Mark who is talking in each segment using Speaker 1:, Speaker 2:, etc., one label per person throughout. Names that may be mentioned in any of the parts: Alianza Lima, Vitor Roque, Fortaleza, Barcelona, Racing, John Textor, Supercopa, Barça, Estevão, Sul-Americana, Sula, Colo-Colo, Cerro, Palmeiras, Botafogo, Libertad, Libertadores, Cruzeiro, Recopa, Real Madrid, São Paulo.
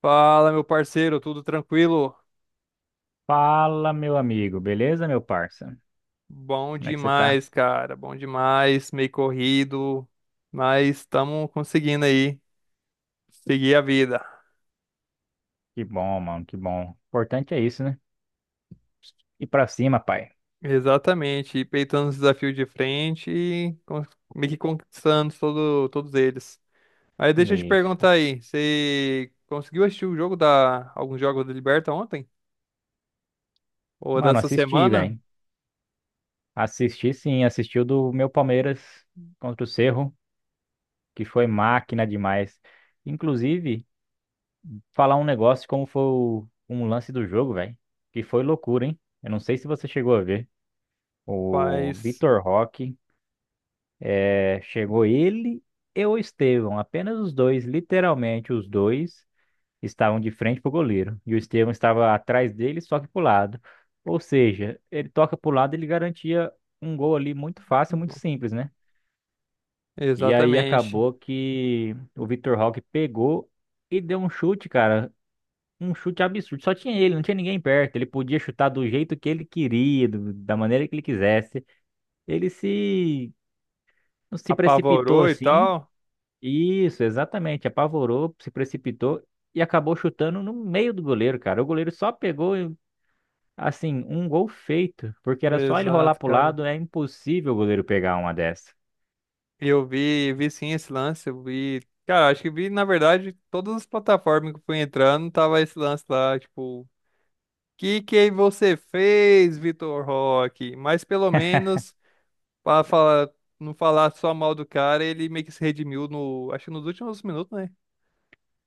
Speaker 1: Fala, meu parceiro, tudo tranquilo?
Speaker 2: Fala, meu amigo, beleza, meu parça?
Speaker 1: Bom
Speaker 2: Como é que você tá?
Speaker 1: demais, cara, bom demais, meio corrido, mas estamos conseguindo aí seguir a vida.
Speaker 2: Que bom, mano, que bom. O importante é isso, né? E pra cima, pai.
Speaker 1: Exatamente, e peitando os desafios de frente e meio que conquistando todos eles. Aí deixa eu te
Speaker 2: Isso.
Speaker 1: perguntar aí, você conseguiu assistir alguns jogos da Liberta ontem? Ou
Speaker 2: Mano,
Speaker 1: dessa
Speaker 2: assisti,
Speaker 1: semana?
Speaker 2: velho. Assisti sim, assisti o do meu Palmeiras contra o Cerro, que foi máquina demais. Inclusive, falar um negócio como foi um lance do jogo, velho, que foi loucura, hein? Eu não sei se você chegou a ver. O
Speaker 1: Faz.
Speaker 2: Vitor Roque, chegou ele e o Estevão, apenas os dois, literalmente os dois estavam de frente para o goleiro e o Estevão estava atrás dele, só que para o lado. Ou seja, ele toca para o lado, ele garantia um gol ali muito fácil, muito simples, né? E aí
Speaker 1: Exatamente.
Speaker 2: acabou que o Vitor Roque pegou e deu um chute, cara. Um chute absurdo. Só tinha ele, não tinha ninguém perto. Ele podia chutar do jeito que ele queria, da maneira que ele quisesse. Ele se, se precipitou
Speaker 1: Apavorou e
Speaker 2: assim.
Speaker 1: tal?
Speaker 2: Isso, exatamente. Apavorou, se precipitou e acabou chutando no meio do goleiro, cara. O goleiro só pegou, e assim, um gol feito, porque era só ele rolar
Speaker 1: Exato,
Speaker 2: pro
Speaker 1: cara.
Speaker 2: lado, é impossível o goleiro pegar uma dessa.
Speaker 1: Eu vi sim esse lance, eu vi. Cara, acho que vi, na verdade, todas as plataformas que eu fui entrando, tava esse lance lá, tipo, que você fez, Vitor Roque? Mas pelo menos, pra falar, não falar só mal do cara, ele meio que se redimiu no, acho que nos últimos minutos, né?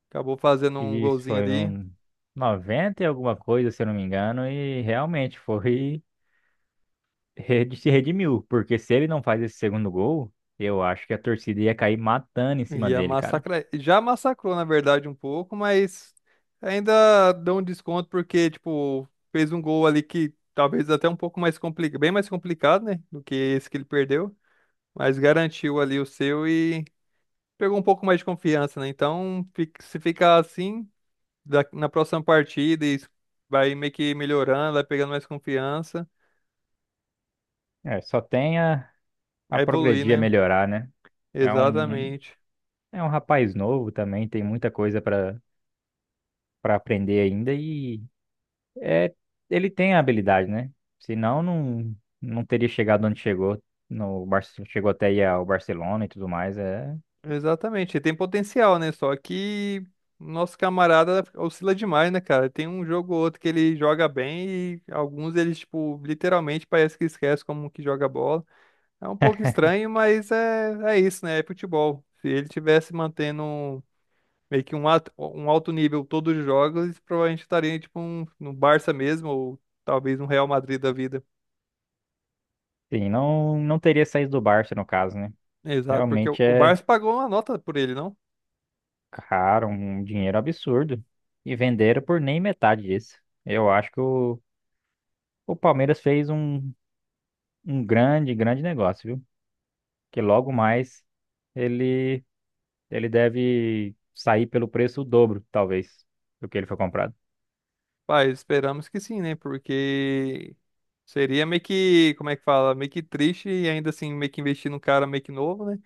Speaker 1: Acabou fazendo um
Speaker 2: E isso
Speaker 1: golzinho
Speaker 2: foi
Speaker 1: ali.
Speaker 2: no 90 e alguma coisa, se eu não me engano, e realmente foi se redimiu, porque se ele não faz esse segundo gol, eu acho que a torcida ia cair matando em cima
Speaker 1: Ia
Speaker 2: dele, cara.
Speaker 1: massacrar. Já massacrou, na verdade, um pouco, mas ainda deu um desconto porque, tipo, fez um gol ali que talvez até um pouco mais complicado, bem mais complicado, né? Do que esse que ele perdeu. Mas garantiu ali o seu e pegou um pouco mais de confiança, né? Então, se ficar assim, na próxima partida, e vai meio que melhorando, vai pegando mais confiança,
Speaker 2: É, a
Speaker 1: vai evoluir,
Speaker 2: progredir, a
Speaker 1: né?
Speaker 2: melhorar, né? É um,
Speaker 1: Exatamente.
Speaker 2: é um rapaz novo também, tem muita coisa para aprender ainda e é, ele tem a habilidade, né? Senão não teria chegado onde chegou. No Barce- Chegou até aí ao Barcelona e tudo mais. É,
Speaker 1: Exatamente, ele tem potencial, né? Só que nosso camarada oscila demais, né, cara? Tem um jogo ou outro que ele joga bem e alguns eles, tipo, literalmente parece que esquece como que joga bola. É um pouco estranho, mas é isso, né? É futebol. Se ele tivesse mantendo meio que um alto nível todos os jogos, ele provavelmente estaria, tipo, um, no Barça mesmo, ou talvez no Real Madrid da vida.
Speaker 2: sim, não teria saído do Barça, no caso, né?
Speaker 1: Exato, porque o,
Speaker 2: Realmente
Speaker 1: o
Speaker 2: é
Speaker 1: Barça pagou uma nota por ele, não?
Speaker 2: caro, um dinheiro absurdo. E venderam por nem metade disso. Eu acho que o Palmeiras fez um grande, grande negócio, viu? Que logo mais ele, ele deve sair pelo preço o dobro, talvez, do que ele foi comprado.
Speaker 1: Pai, esperamos que sim, né? Porque seria meio que, como é que fala? Meio que triste e ainda assim meio que investir num cara meio que novo, né?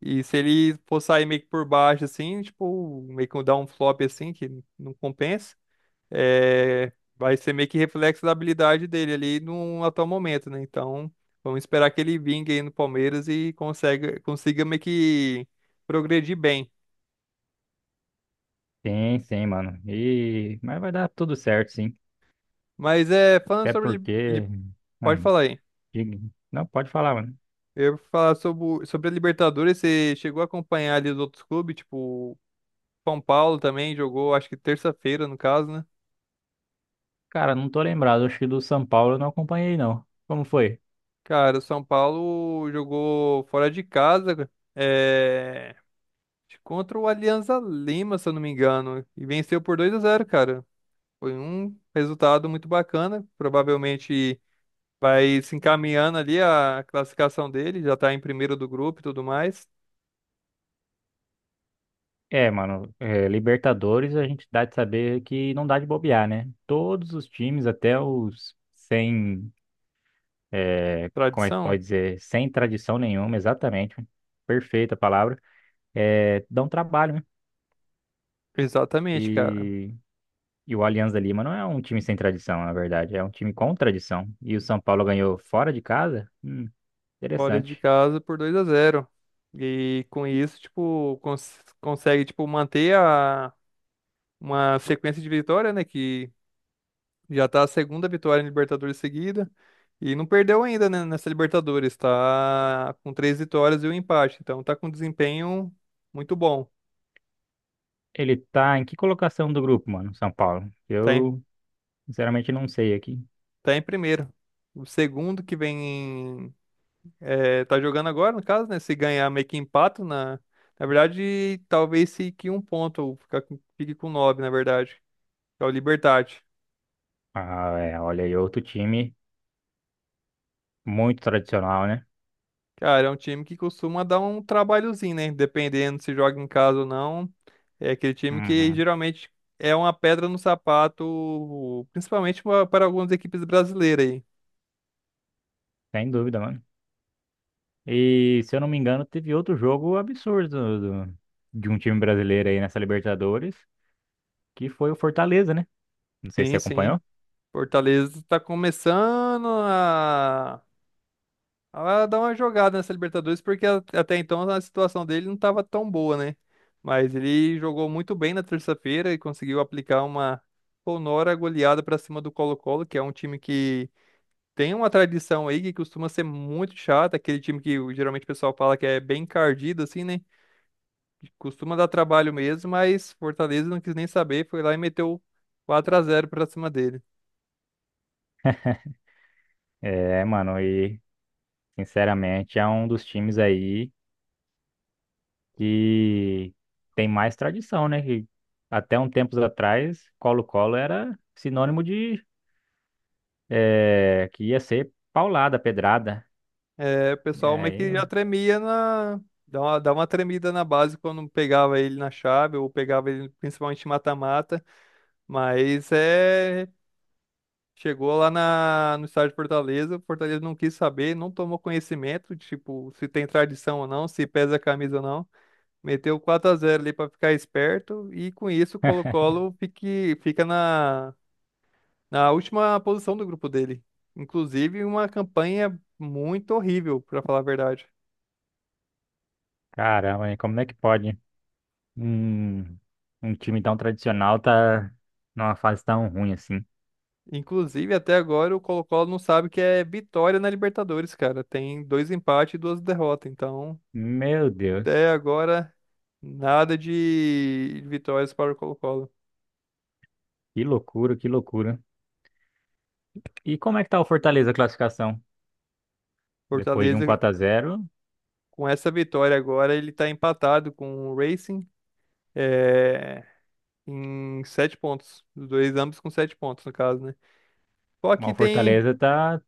Speaker 1: E se ele for sair meio que por baixo, assim, tipo, meio que dar um flop assim, que não compensa, vai ser meio que reflexo da habilidade dele ali no atual momento, né? Então, vamos esperar que ele vingue aí no Palmeiras e consiga meio que progredir bem.
Speaker 2: Sim, sim, mano. E mas vai dar tudo certo, sim.
Speaker 1: Mas é, falando
Speaker 2: Até
Speaker 1: sobre.
Speaker 2: porque
Speaker 1: Pode
Speaker 2: não,
Speaker 1: falar aí.
Speaker 2: diga- não, pode falar, mano.
Speaker 1: Eu ia falar sobre a Libertadores, você chegou a acompanhar ali os outros clubes, tipo, São Paulo também jogou, acho que terça-feira, no caso, né?
Speaker 2: Cara, não tô lembrado. Acho que do São Paulo eu não acompanhei, não. Como foi?
Speaker 1: Cara, o São Paulo jogou fora de casa, cara, é, contra o Alianza Lima, se eu não me engano, e venceu por 2-0, cara. Foi um resultado muito bacana, provavelmente vai se encaminhando ali a classificação dele, já tá em primeiro do grupo e tudo mais.
Speaker 2: É, mano, é, Libertadores a gente dá de saber que não dá de bobear, né? Todos os times, até os sem, é, como é que
Speaker 1: Tradição?
Speaker 2: pode dizer? Sem tradição nenhuma, exatamente. Perfeita a palavra. É, dão trabalho, né?
Speaker 1: Exatamente, cara.
Speaker 2: E o Alianza Lima não é um time sem tradição, na verdade, é um time com tradição. E o São Paulo ganhou fora de casa?
Speaker 1: Fora de
Speaker 2: Interessante.
Speaker 1: casa por 2-0. E com isso, tipo, consegue tipo manter a uma sequência de vitória, né, que já tá a segunda vitória em Libertadores seguida e não perdeu ainda, né, nessa Libertadores, tá com 3 vitórias e um empate, então tá com um desempenho muito bom.
Speaker 2: Ele tá em que colocação do grupo, mano, São Paulo?
Speaker 1: Tá em,
Speaker 2: Eu, sinceramente, não sei aqui.
Speaker 1: tá em primeiro. O segundo que vem é, tá jogando agora, no caso, né, se ganhar meio que empata na verdade, talvez fique um ponto, ou fique com 9, na verdade. Que é o Libertad.
Speaker 2: Ah, é, olha aí, outro time muito tradicional, né?
Speaker 1: Cara, é um time que costuma dar um trabalhozinho, né? Dependendo se joga em casa ou não. É aquele time que
Speaker 2: Uhum,
Speaker 1: geralmente é uma pedra no sapato, principalmente para algumas equipes brasileiras aí.
Speaker 2: sem dúvida, mano. E, se eu não me engano, teve outro jogo absurdo de um time brasileiro aí nessa Libertadores, que foi o Fortaleza, né? Não sei se você
Speaker 1: Sim, sim.
Speaker 2: acompanhou.
Speaker 1: Fortaleza está começando a dar uma jogada nessa Libertadores, porque até então a situação dele não estava tão boa, né? Mas ele jogou muito bem na terça-feira e conseguiu aplicar uma sonora goleada para cima do Colo-Colo, que é um time que tem uma tradição aí que costuma ser muito chata, aquele time que geralmente o pessoal fala que é bem encardido, assim, né? Que costuma dar trabalho mesmo, mas Fortaleza não quis nem saber, foi lá e meteu 4-0 pra cima dele.
Speaker 2: É, mano, e, sinceramente, é um dos times aí que tem mais tradição, né? Que até um tempos atrás, Colo-Colo era sinônimo de que ia ser paulada, pedrada.
Speaker 1: É, o
Speaker 2: E
Speaker 1: pessoal meio
Speaker 2: aí,
Speaker 1: que já
Speaker 2: eu-
Speaker 1: tremia na. Dá uma tremida na base quando pegava ele na chave, ou pegava ele principalmente em mata-mata, mas é. Chegou lá no estádio de Fortaleza, o Fortaleza não quis saber, não tomou conhecimento, tipo, se tem tradição ou não, se pesa a camisa ou não. Meteu 4-0 ali para ficar esperto e com isso o Colo-Colo fica na última posição do grupo dele. Inclusive, uma campanha muito horrível, para falar a verdade.
Speaker 2: Caramba, hein, como é que pode um, um time tão tradicional tá numa fase tão ruim assim?
Speaker 1: Inclusive, até agora o Colo-Colo não sabe o que é vitória na Libertadores, cara. Tem dois empates e duas derrotas. Então,
Speaker 2: Meu Deus,
Speaker 1: até agora, nada de vitórias para o Colo-Colo.
Speaker 2: que loucura, que loucura. E como é que tá o Fortaleza a classificação? Depois de um
Speaker 1: Fortaleza,
Speaker 2: 4 a 0,
Speaker 1: com essa vitória agora, ele tá empatado com o Racing. É, em 7 pontos. Os dois ambos com 7 pontos, no caso, né? Só que
Speaker 2: o
Speaker 1: tem.
Speaker 2: Fortaleza tá,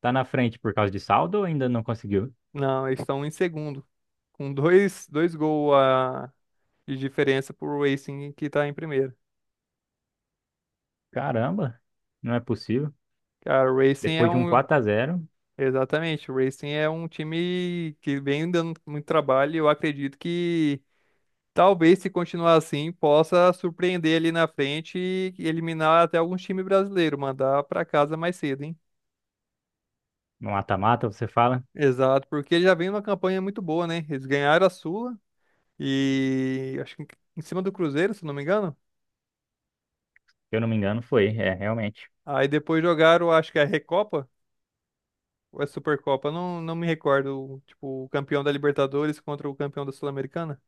Speaker 2: tá na frente por causa de saldo ou ainda não conseguiu?
Speaker 1: Não, eles estão em segundo. Com dois gols a... de diferença pro Racing, que tá em primeiro.
Speaker 2: Caramba, não é possível.
Speaker 1: Cara, o Racing é
Speaker 2: Depois de um
Speaker 1: um.
Speaker 2: 4 a 0
Speaker 1: Exatamente, o Racing é um time que vem dando muito trabalho. E eu acredito que talvez, se continuar assim, possa surpreender ali na frente e eliminar até alguns times brasileiros, mandar pra casa mais cedo, hein?
Speaker 2: no mata-mata, você fala?
Speaker 1: Exato, porque ele já vem numa campanha muito boa, né? Eles ganharam a Sula. E acho que em cima do Cruzeiro, se não me engano.
Speaker 2: Se eu não me engano, foi, é, realmente.
Speaker 1: Aí depois jogaram, acho que é a Recopa ou é Supercopa, não, não me recordo. Tipo, o campeão da Libertadores contra o campeão da Sul-Americana.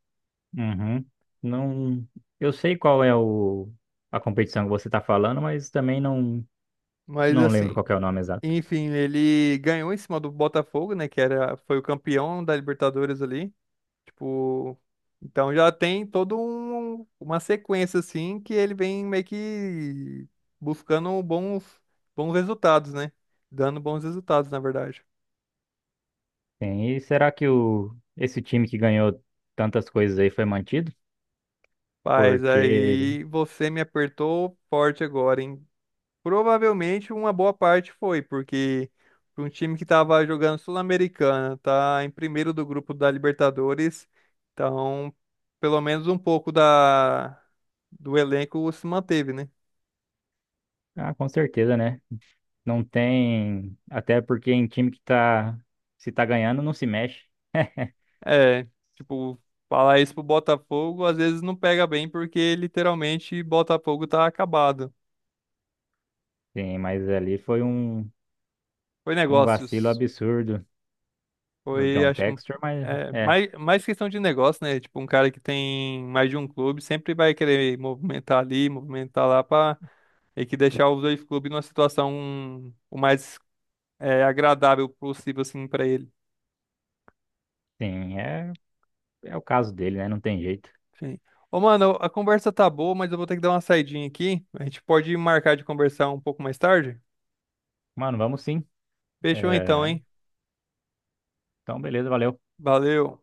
Speaker 2: Uhum. Não, eu sei qual é a competição que você está falando, mas também
Speaker 1: Mas
Speaker 2: não lembro
Speaker 1: assim,
Speaker 2: qual que é o nome exato.
Speaker 1: enfim, ele ganhou em cima do Botafogo, né? Que foi o campeão da Libertadores ali. Tipo, então já tem todo uma sequência assim que ele vem meio que buscando bons resultados, né? Dando bons resultados, na verdade.
Speaker 2: Sim, e será que esse time que ganhou tantas coisas aí foi mantido?
Speaker 1: Mas
Speaker 2: Porque,
Speaker 1: aí você me apertou forte agora, hein? Provavelmente uma boa parte foi, porque para um time que estava jogando Sul-Americana, tá em primeiro do grupo da Libertadores, então pelo menos um pouco do elenco se manteve, né?
Speaker 2: ah, com certeza, né? Não tem, até porque em time que tá, se tá ganhando, não se mexe.
Speaker 1: É, tipo, falar isso pro Botafogo às vezes não pega bem porque literalmente Botafogo tá acabado.
Speaker 2: Sim, mas ali foi
Speaker 1: Foi
Speaker 2: um vacilo
Speaker 1: negócios.
Speaker 2: absurdo do
Speaker 1: Foi,
Speaker 2: John
Speaker 1: acho que
Speaker 2: Textor, mas
Speaker 1: é,
Speaker 2: é.
Speaker 1: mais questão de negócio, né? Tipo, um cara que tem mais de um clube sempre vai querer movimentar ali, movimentar lá pra meio que deixar os dois clubes numa situação o mais é, agradável possível, assim, pra ele.
Speaker 2: Sim, é, é o caso dele, né? Não tem jeito.
Speaker 1: Sim. Ô, mano, a conversa tá boa, mas eu vou ter que dar uma saidinha aqui. A gente pode marcar de conversar um pouco mais tarde?
Speaker 2: Mano, vamos sim.
Speaker 1: Fechou então,
Speaker 2: É,
Speaker 1: hein?
Speaker 2: então, beleza, valeu.
Speaker 1: Valeu.